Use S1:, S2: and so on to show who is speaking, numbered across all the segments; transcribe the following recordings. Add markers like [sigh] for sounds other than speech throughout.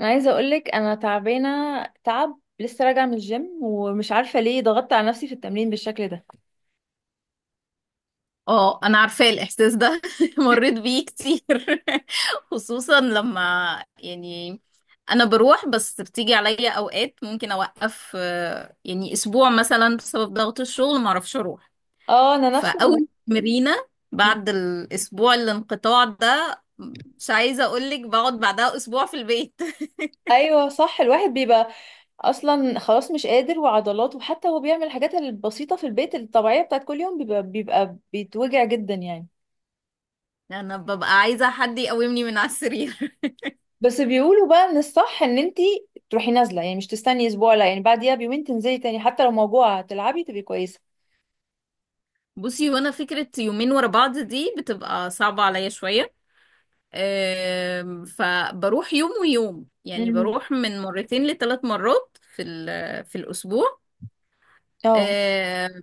S1: انا عايزه اقولك انا تعبانه تعب، لسه راجعه من الجيم ومش عارفه ليه ضغطت على نفسي في التمرين بالشكل ده.
S2: اه، انا عارفة الاحساس ده. [laughs] مريت بيه كتير. [laughs] خصوصا لما يعني انا بروح، بس بتيجي عليا اوقات ممكن اوقف، يعني اسبوع مثلا بسبب ضغط الشغل ما اعرفش اروح.
S1: اه، انا نفس
S2: فاول تمرينة بعد الاسبوع الانقطاع ده، مش عايزة اقولك بقعد بعدها اسبوع في البيت.
S1: ايوه صح، الواحد بيبقى اصلا خلاص مش قادر، وعضلاته وحتى هو بيعمل الحاجات البسيطه في البيت الطبيعيه بتاعت كل يوم بيبقى بيتوجع جدا يعني.
S2: [laughs] انا ببقى عايزة حد يقومني من على السرير. [laughs]
S1: بس بيقولوا بقى ان الصح ان انتي تروحي نازله، يعني مش تستني اسبوع، لا يعني بعديها بيومين تنزلي تاني حتى لو موجوعه تلعبي تبقي كويسه.
S2: بصي، وانا فكرة يومين ورا بعض دي بتبقى صعبة عليا شوية. فبروح يوم ويوم، يعني
S1: امم
S2: بروح من مرتين لثلاث مرات في الأسبوع.
S1: اه،
S2: آم،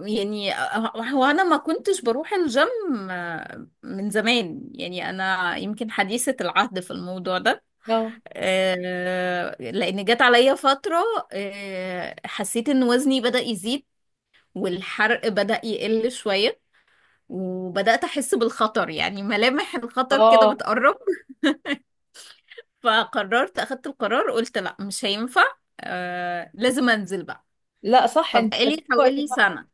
S2: يعني هو أنا ما كنتش بروح الجيم من زمان، يعني أنا يمكن حديثة العهد في الموضوع ده.
S1: اه،
S2: لأن جت عليا فترة، حسيت إن وزني بدأ يزيد، والحرق بدأ يقل شوية، وبدأت أحس بالخطر، يعني ملامح الخطر كده
S1: اه،
S2: بتقرب. فقررت اخدت القرار، قلت لا مش هينفع، آه لازم انزل بقى.
S1: لا صح انت،
S2: فبقالي
S1: وقت
S2: حوالي
S1: صح.
S2: سنة.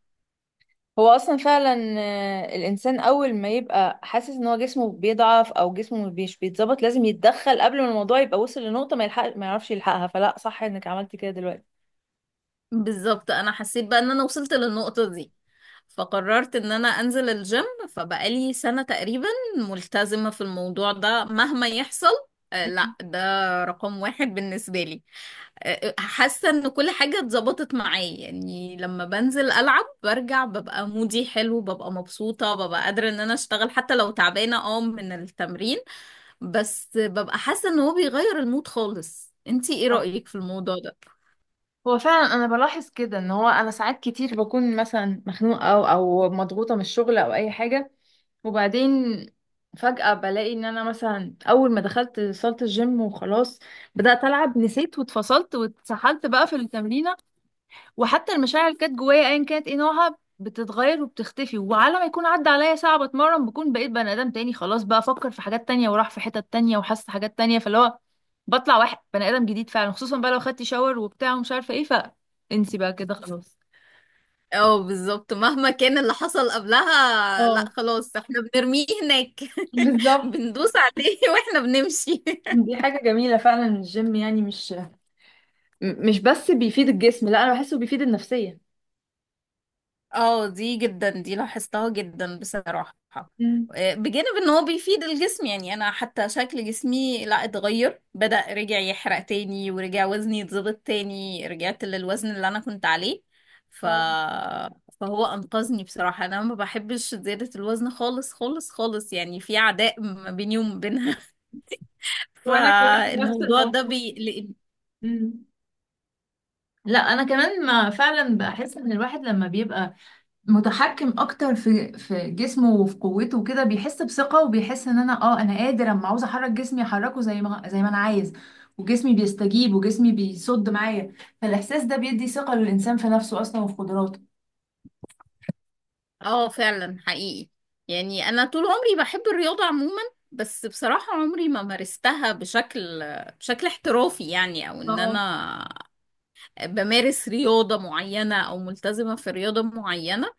S1: هو اصلا فعلا الانسان اول ما يبقى حاسس ان هو جسمه بيضعف او جسمه مش بيتظبط لازم يتدخل قبل ما الموضوع يبقى وصل لنقطة ما يلحق ما يعرفش يلحقها، فلا صح انك عملتي كده دلوقتي.
S2: بالظبط، انا حسيت بقى ان انا وصلت للنقطة دي، فقررت ان انا انزل الجيم. فبقالي سنة تقريبا ملتزمة في الموضوع ده مهما يحصل. آه
S1: مم.
S2: لا، ده رقم واحد بالنسبة لي. حاسة ان كل حاجة اتظبطت معايا، يعني لما بنزل العب برجع ببقى مودي حلو، ببقى مبسوطة، ببقى قادرة ان انا اشتغل حتى لو تعبانة اه من التمرين. بس ببقى حاسة ان هو بيغير المود خالص. انتي ايه
S1: صح.
S2: رأيك في الموضوع ده؟
S1: هو فعلا انا بلاحظ كده ان هو انا ساعات كتير بكون مثلا مخنوقه او مضغوطه من الشغل او اي حاجه، وبعدين فجاه بلاقي ان انا مثلا اول ما دخلت صاله الجيم وخلاص بدات العب، نسيت واتفصلت واتسحلت بقى في التمرينه، وحتى المشاعر اللي كانت جوايا ايا كانت ايه نوعها بتتغير وبتختفي، وعلى ما يكون عدى عليا ساعة بتمرن بكون بقيت بني ادم تاني خلاص، بقى افكر في حاجات تانية وراح في حتت تانية وحاسة حاجات تانية، فاللي هو بطلع واحد بني ادم جديد فعلا، خصوصا بقى لو خدت شاور وبتاع ومش عارفة ايه، فانسي بقى كده خلاص.
S2: اه بالظبط، مهما كان اللي حصل قبلها لا
S1: اه
S2: خلاص، احنا بنرميه هناك. [laughs]
S1: بالظبط.
S2: بندوس عليه واحنا بنمشي.
S1: دي حاجة جميلة فعلا الجيم، يعني مش مش بس بيفيد الجسم، لا انا بحسه بيفيد النفسية.
S2: اه، دي جدا، دي لاحظتها جدا بصراحة.
S1: مم.
S2: بجانب ان هو بيفيد الجسم، يعني انا حتى شكل جسمي لا اتغير، بدأ رجع يحرق تاني، ورجع وزني يتظبط تاني، رجعت للوزن اللي انا كنت عليه. ف...
S1: اه
S2: فهو انقذني بصراحة. انا ما بحبش زيادة الوزن خالص خالص خالص، يعني في عداء ما بيني وما بينها. [laughs]
S1: وانا كمان نفس
S2: فالموضوع ده
S1: الموضوع.
S2: بيقلقني.
S1: مم. لا انا كمان ما فعلا بحس ان الواحد لما بيبقى متحكم اكتر في جسمه وفي قوته وكده بيحس بثقة، وبيحس ان انا اه انا قادر، اما عاوز احرك جسمي احركه زي ما انا عايز، وجسمي بيستجيب وجسمي بيصد معايا، فالاحساس ده بيدي ثقة للانسان في نفسه اصلا وفي قدراته.
S2: اه فعلا حقيقي. يعني انا طول عمري بحب الرياضة عموما، بس بصراحة عمري ما مارستها بشكل احترافي، يعني او ان
S1: اه،
S2: انا بمارس رياضة معينة او ملتزمة في رياضة معينة.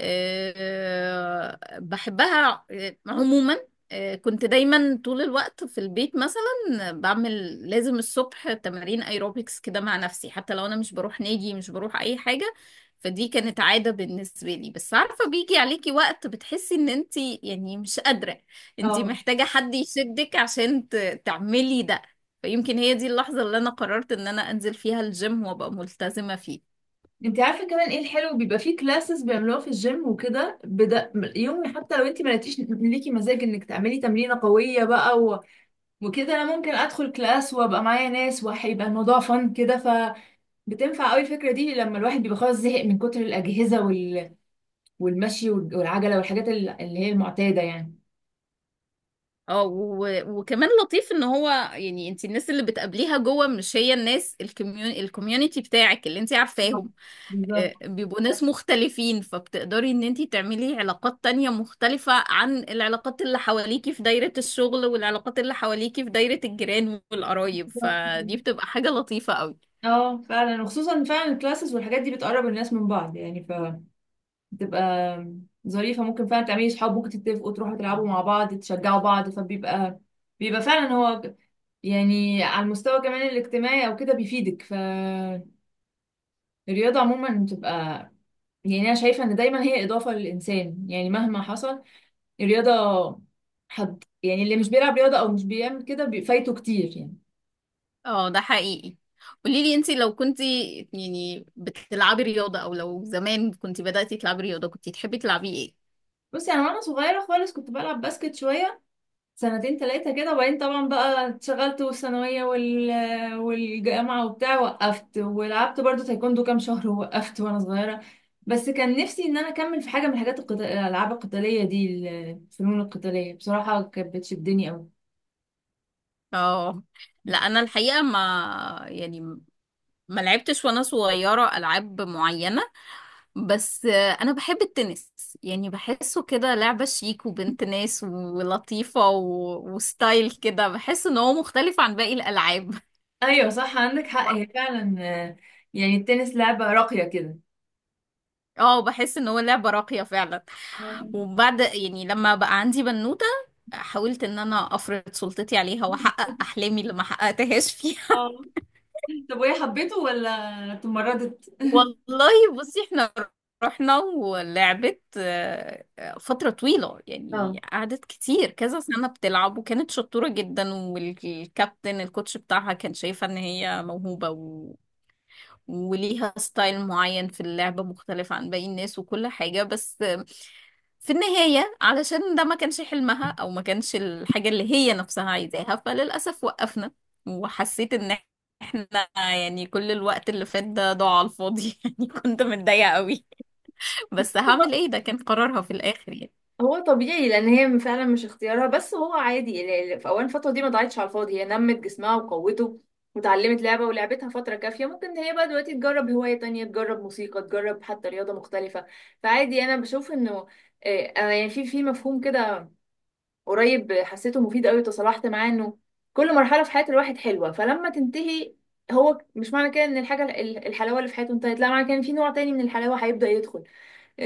S2: بحبها عموما. كنت دايما طول الوقت في البيت مثلا بعمل لازم الصبح تمارين ايروبكس كده مع نفسي، حتى لو انا مش بروح نادي، مش بروح اي حاجة. فدي كانت عادة بالنسبة لي. بس عارفة بيجي عليكي وقت بتحسي ان انتي يعني مش قادرة، انتي
S1: اه.
S2: محتاجة حد يشدك عشان تعملي ده. فيمكن هي دي اللحظة اللي انا قررت ان انا انزل فيها الجيم وابقى ملتزمة فيه.
S1: انت عارفه كمان ايه الحلو، بيبقى فيه كلاسز بيعملوها في الجيم وكده بدا يوم، حتى لو انت ما لقيتيش ليكي مزاج انك تعملي تمرينه قويه بقى و... وكده انا ممكن ادخل كلاس وابقى معايا ناس وهيبقى الموضوع فن كده. بتنفع قوي الفكرة دي لما الواحد بيبقى خلاص زهق من كتر الأجهزة وال... والمشي والعجلة والحاجات اللي هي المعتادة يعني.
S2: اه، وكمان لطيف ان هو، يعني انت الناس اللي بتقابليها جوه مش هي الناس الكميوني الكوميونتي بتاعك اللي انت
S1: آه،
S2: عارفاهم.
S1: بالظبط.
S2: بيبقوا ناس مختلفين، فبتقدري ان انت تعملي علاقات تانية مختلفة عن العلاقات اللي حواليكي في دايرة الشغل والعلاقات اللي حواليكي في دايرة الجيران والقرايب،
S1: بالظبط كده.
S2: فدي بتبقى حاجة لطيفة قوي.
S1: اه فعلا، وخصوصا فعلا الكلاسز والحاجات دي بتقرب الناس من بعض يعني، فبتبقى ظريفة، ممكن فعلا تعملي صحاب، ممكن تتفقوا تروحوا تلعبوا مع بعض تشجعوا بعض، فبيبقى فعلا هو يعني على المستوى كمان الاجتماعي او كده بيفيدك، فالرياضة عموما بتبقى يعني انا شايفة ان دايما هي اضافة للانسان يعني مهما حصل الرياضة، حد يعني اللي مش بيلعب رياضة أو مش بيعمل كده فايته كتير يعني.
S2: اه ده حقيقي. قوليلي انت لو كنت يعني بتلعبي رياضة، او لو زمان كنت بدأتي تلعبي رياضة، كنت تحبي تلعبي ايه؟
S1: بصي يعني أنا وأنا صغيرة خالص كنت بلعب باسكت شوية، سنتين تلاتة كده، وبعدين طبعا بقى اتشغلت والثانوية وال... والجامعة وبتاع، وقفت. ولعبت برضو تايكوندو كام شهر ووقفت وأنا صغيرة، بس كان نفسي إن أنا أكمل في حاجة من الحاجات القتال... الألعاب القتالية دي الفنون القتالية، بصراحة كانت بتشدني أوي.
S2: اه لا، انا الحقيقه ما يعني ما لعبتش وانا صغيره العاب معينه. بس انا بحب التنس، يعني بحسه كده لعبه شيك وبنت ناس ولطيفه، وستايل كده. بحس ان هو مختلف عن باقي الالعاب. [laughs]
S1: أيوة صح، عندك حق، هي فعلا يعني التنس لعبة راقية كده.
S2: اه بحس ان هو لعبه راقيه فعلا. وبعد، يعني لما بقى عندي بنوته، حاولت ان انا افرض سلطتي عليها واحقق احلامي اللي ما حققتهاش فيها.
S1: آه. طب وهي حبيته ولا تمردت؟
S2: والله بصي، احنا رحنا ولعبت فترة طويلة،
S1: اه
S2: يعني قعدت كتير كذا سنة بتلعب. وكانت شطورة جدا، والكابتن الكوتش بتاعها كان شايفة ان هي موهوبة، وليها ستايل معين في اللعب مختلف عن باقي الناس وكل حاجة. بس في النهاية، علشان ده ما كانش حلمها أو ما كانش الحاجة اللي هي نفسها عايزاها، فللأسف وقفنا. وحسيت إن احنا، يعني كل الوقت اللي فات ده ضاع على الفاضي. [laughs] يعني كنت متضايقة قوي. بس هعمل ايه، ده كان قرارها في الآخر يعني.
S1: هو طبيعي، لان هي فعلا مش اختيارها، بس هو عادي في اول الفتره دي ما ضاعتش على الفاضي، هي نمت جسمها وقوته وتعلمت لعبه ولعبتها فتره كافيه، ممكن هي بقى دلوقتي تجرب هوايه تانية، تجرب موسيقى، تجرب حتى رياضه مختلفه، فعادي. انا بشوف انه انا يعني في مفهوم كده قريب حسيته مفيد قوي، وتصالحت معاه، انه كل مرحله في حياه الواحد حلوه، فلما تنتهي هو مش معنى كده ان الحاجه الحلاوه اللي في حياته انتهت، لا معنى كده ان في نوع تاني من الحلاوه هيبدا يدخل.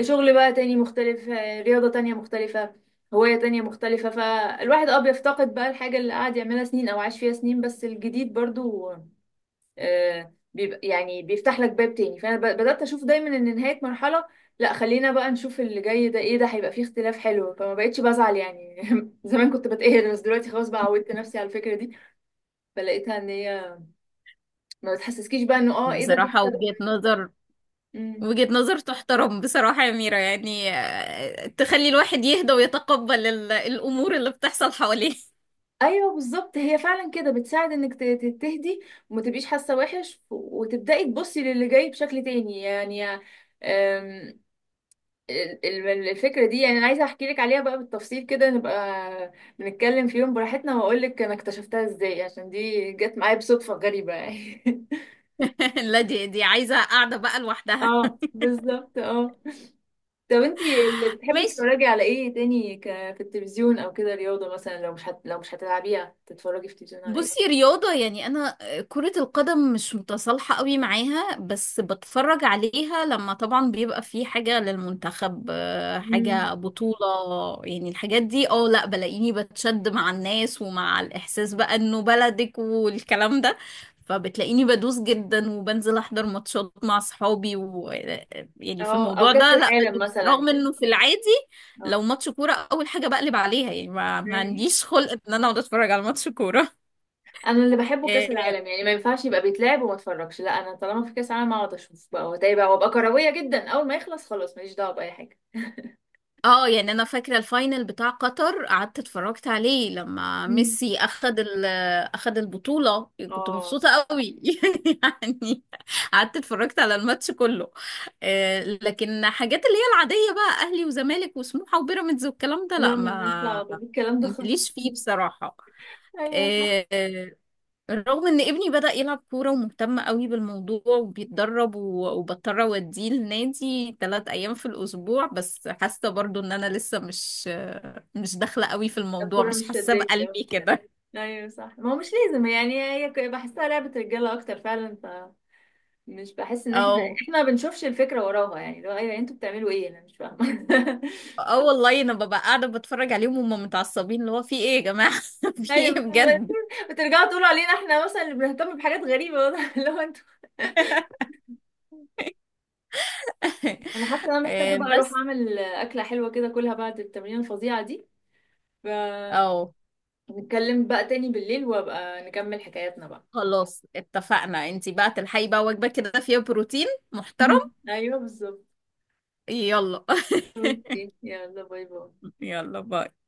S1: شغل بقى تاني مختلف، رياضة تانية مختلفة، هواية تانية مختلفة، فالواحد اه بيفتقد بقى الحاجة اللي قعد يعملها سنين أو عاش فيها سنين، بس الجديد برضو بيبقى يعني بيفتح لك باب تاني، فأنا بدأت أشوف دايما إن نهاية مرحلة لا، خلينا بقى نشوف اللي جاي ده ايه، ده هيبقى فيه اختلاف حلو. فما بقتش بزعل يعني [laughs] زمان كنت بتقهر بس دلوقتي خلاص بقى عودت نفسي على الفكرة دي، فلقيتها ان هي ما بتحسسكيش بقى انه اه ايه ده، دي
S2: بصراحة
S1: حتة ده.
S2: وجهة نظر،
S1: مم.
S2: تحترم بصراحة يا ميرا. يعني تخلي الواحد يهدى ويتقبل الأمور اللي بتحصل حواليه.
S1: ايوه بالظبط، هي فعلا كده بتساعد انك تهدي وما تبقيش حاسه وحش، وتبداي تبصي للي جاي بشكل تاني يعني. أم، الفكره دي يعني انا عايزه احكي لك عليها بقى بالتفصيل كده، نبقى بنتكلم في يوم براحتنا واقول لك انا اكتشفتها ازاي، عشان دي جت معايا بصدفه غريبه يعني [laughs]
S2: [laughs] لا، دي عايزة قاعدة بقى لوحدها.
S1: اه بالظبط اه. طب انتي اللي
S2: [laughs]
S1: بتحبي
S2: ماشي.
S1: تتفرجي على ايه تاني في التلفزيون او كده؟ رياضه مثلا لو مش لو مش هتلعبيها تتفرجي في التلفزيون على
S2: بصي رياضة، يعني أنا كرة القدم مش متصالحة قوي معاها، بس بتفرج عليها لما طبعا بيبقى في حاجة للمنتخب،
S1: ايه؟
S2: حاجة بطولة، يعني الحاجات دي. اه لا، بلاقيني بتشد مع الناس، ومع الإحساس بقى إنه بلدك والكلام ده. فبتلاقيني بدوس جدا وبنزل أحضر ماتشات مع صحابي، و يعني في
S1: اه او
S2: الموضوع
S1: كاس
S2: ده لا
S1: العالم
S2: بدوس،
S1: مثلا
S2: رغم
S1: يعني.
S2: إنه في العادي لو
S1: اه.
S2: ماتش كورة أول حاجة بقلب عليها. يعني ما
S1: أيوة.
S2: عنديش خلق إن أنا أقعد أتفرج على ماتش كورة.
S1: انا اللي بحبه
S2: اه،
S1: كاس العالم، يعني ما ينفعش يبقى بيتلعب وما اتفرجش، لا انا طالما في كاس العالم اقعد اشوف بقى واتابع بقى، وابقى كرويه جدا، اول ما يخلص خلاص ماليش دعوه باي حاجه.
S2: يعني انا فاكره الفاينل بتاع قطر، قعدت اتفرجت عليه لما
S1: مم.
S2: ميسي اخد اخد البطوله. كنت
S1: اه.
S2: مبسوطه قوي. [laughs] يعني قعدت اتفرجت على الماتش كله. لكن حاجات اللي هي العاديه بقى، اهلي وزمالك وسموحه وبيراميدز والكلام ده، لا
S1: لا مالناش دعوه
S2: ما
S1: بالكلام ده
S2: ماليش
S1: خالص
S2: فيه
S1: [laughs]
S2: بصراحه.
S1: ايوه صح.
S2: آه، آه، رغم ان ابني بدأ يلعب كورة ومهتم قوي بالموضوع وبيتدرب، وبضطر اوديه النادي 3 ايام في الاسبوع. بس حاسة برضو ان انا لسه مش، داخلة قوي في الموضوع،
S1: الكوره
S2: مش
S1: مش
S2: حاسة
S1: شداك اه.
S2: بقلبي كده.
S1: ايوه صح، ما هو مش لازم يعني، هي بحسها لعبه رجاله اكتر فعلا، فمش بحس
S2: [laughs]
S1: ان احنا
S2: اه.
S1: ما بنشوفش الفكره وراها يعني، لو ايوه انتوا بتعملوا ايه انا مش فاهمه [laughs]
S2: اه والله انا ببقى قاعدة بتفرج عليهم وهم متعصبين، اللي هو في ايه يا جماعة؟ [laughs] في
S1: ايوه
S2: ايه بجد؟
S1: [laughs] بترجعوا تقولوا علينا احنا مثلا اللي بنهتم بحاجات غريبه، واضح اللي هو [laughs] انتوا. انا حاسه ان
S2: [laughs]
S1: انا محتاجه بقى اروح
S2: بس
S1: اعمل اكله حلوه كده كلها بعد التمرين الفظيعه دي، فنتكلم
S2: اه،
S1: بقى تاني بالليل وابقى نكمل حكاياتنا بقى.
S2: خلاص اتفقنا، انتي بقى تلحقي بقى وجبة كده فيها بروتين محترم.
S1: [laughs] ايوه بالظبط.
S2: يلا.
S1: اوكي يلا باي باي.
S2: [laughs] يلا باي.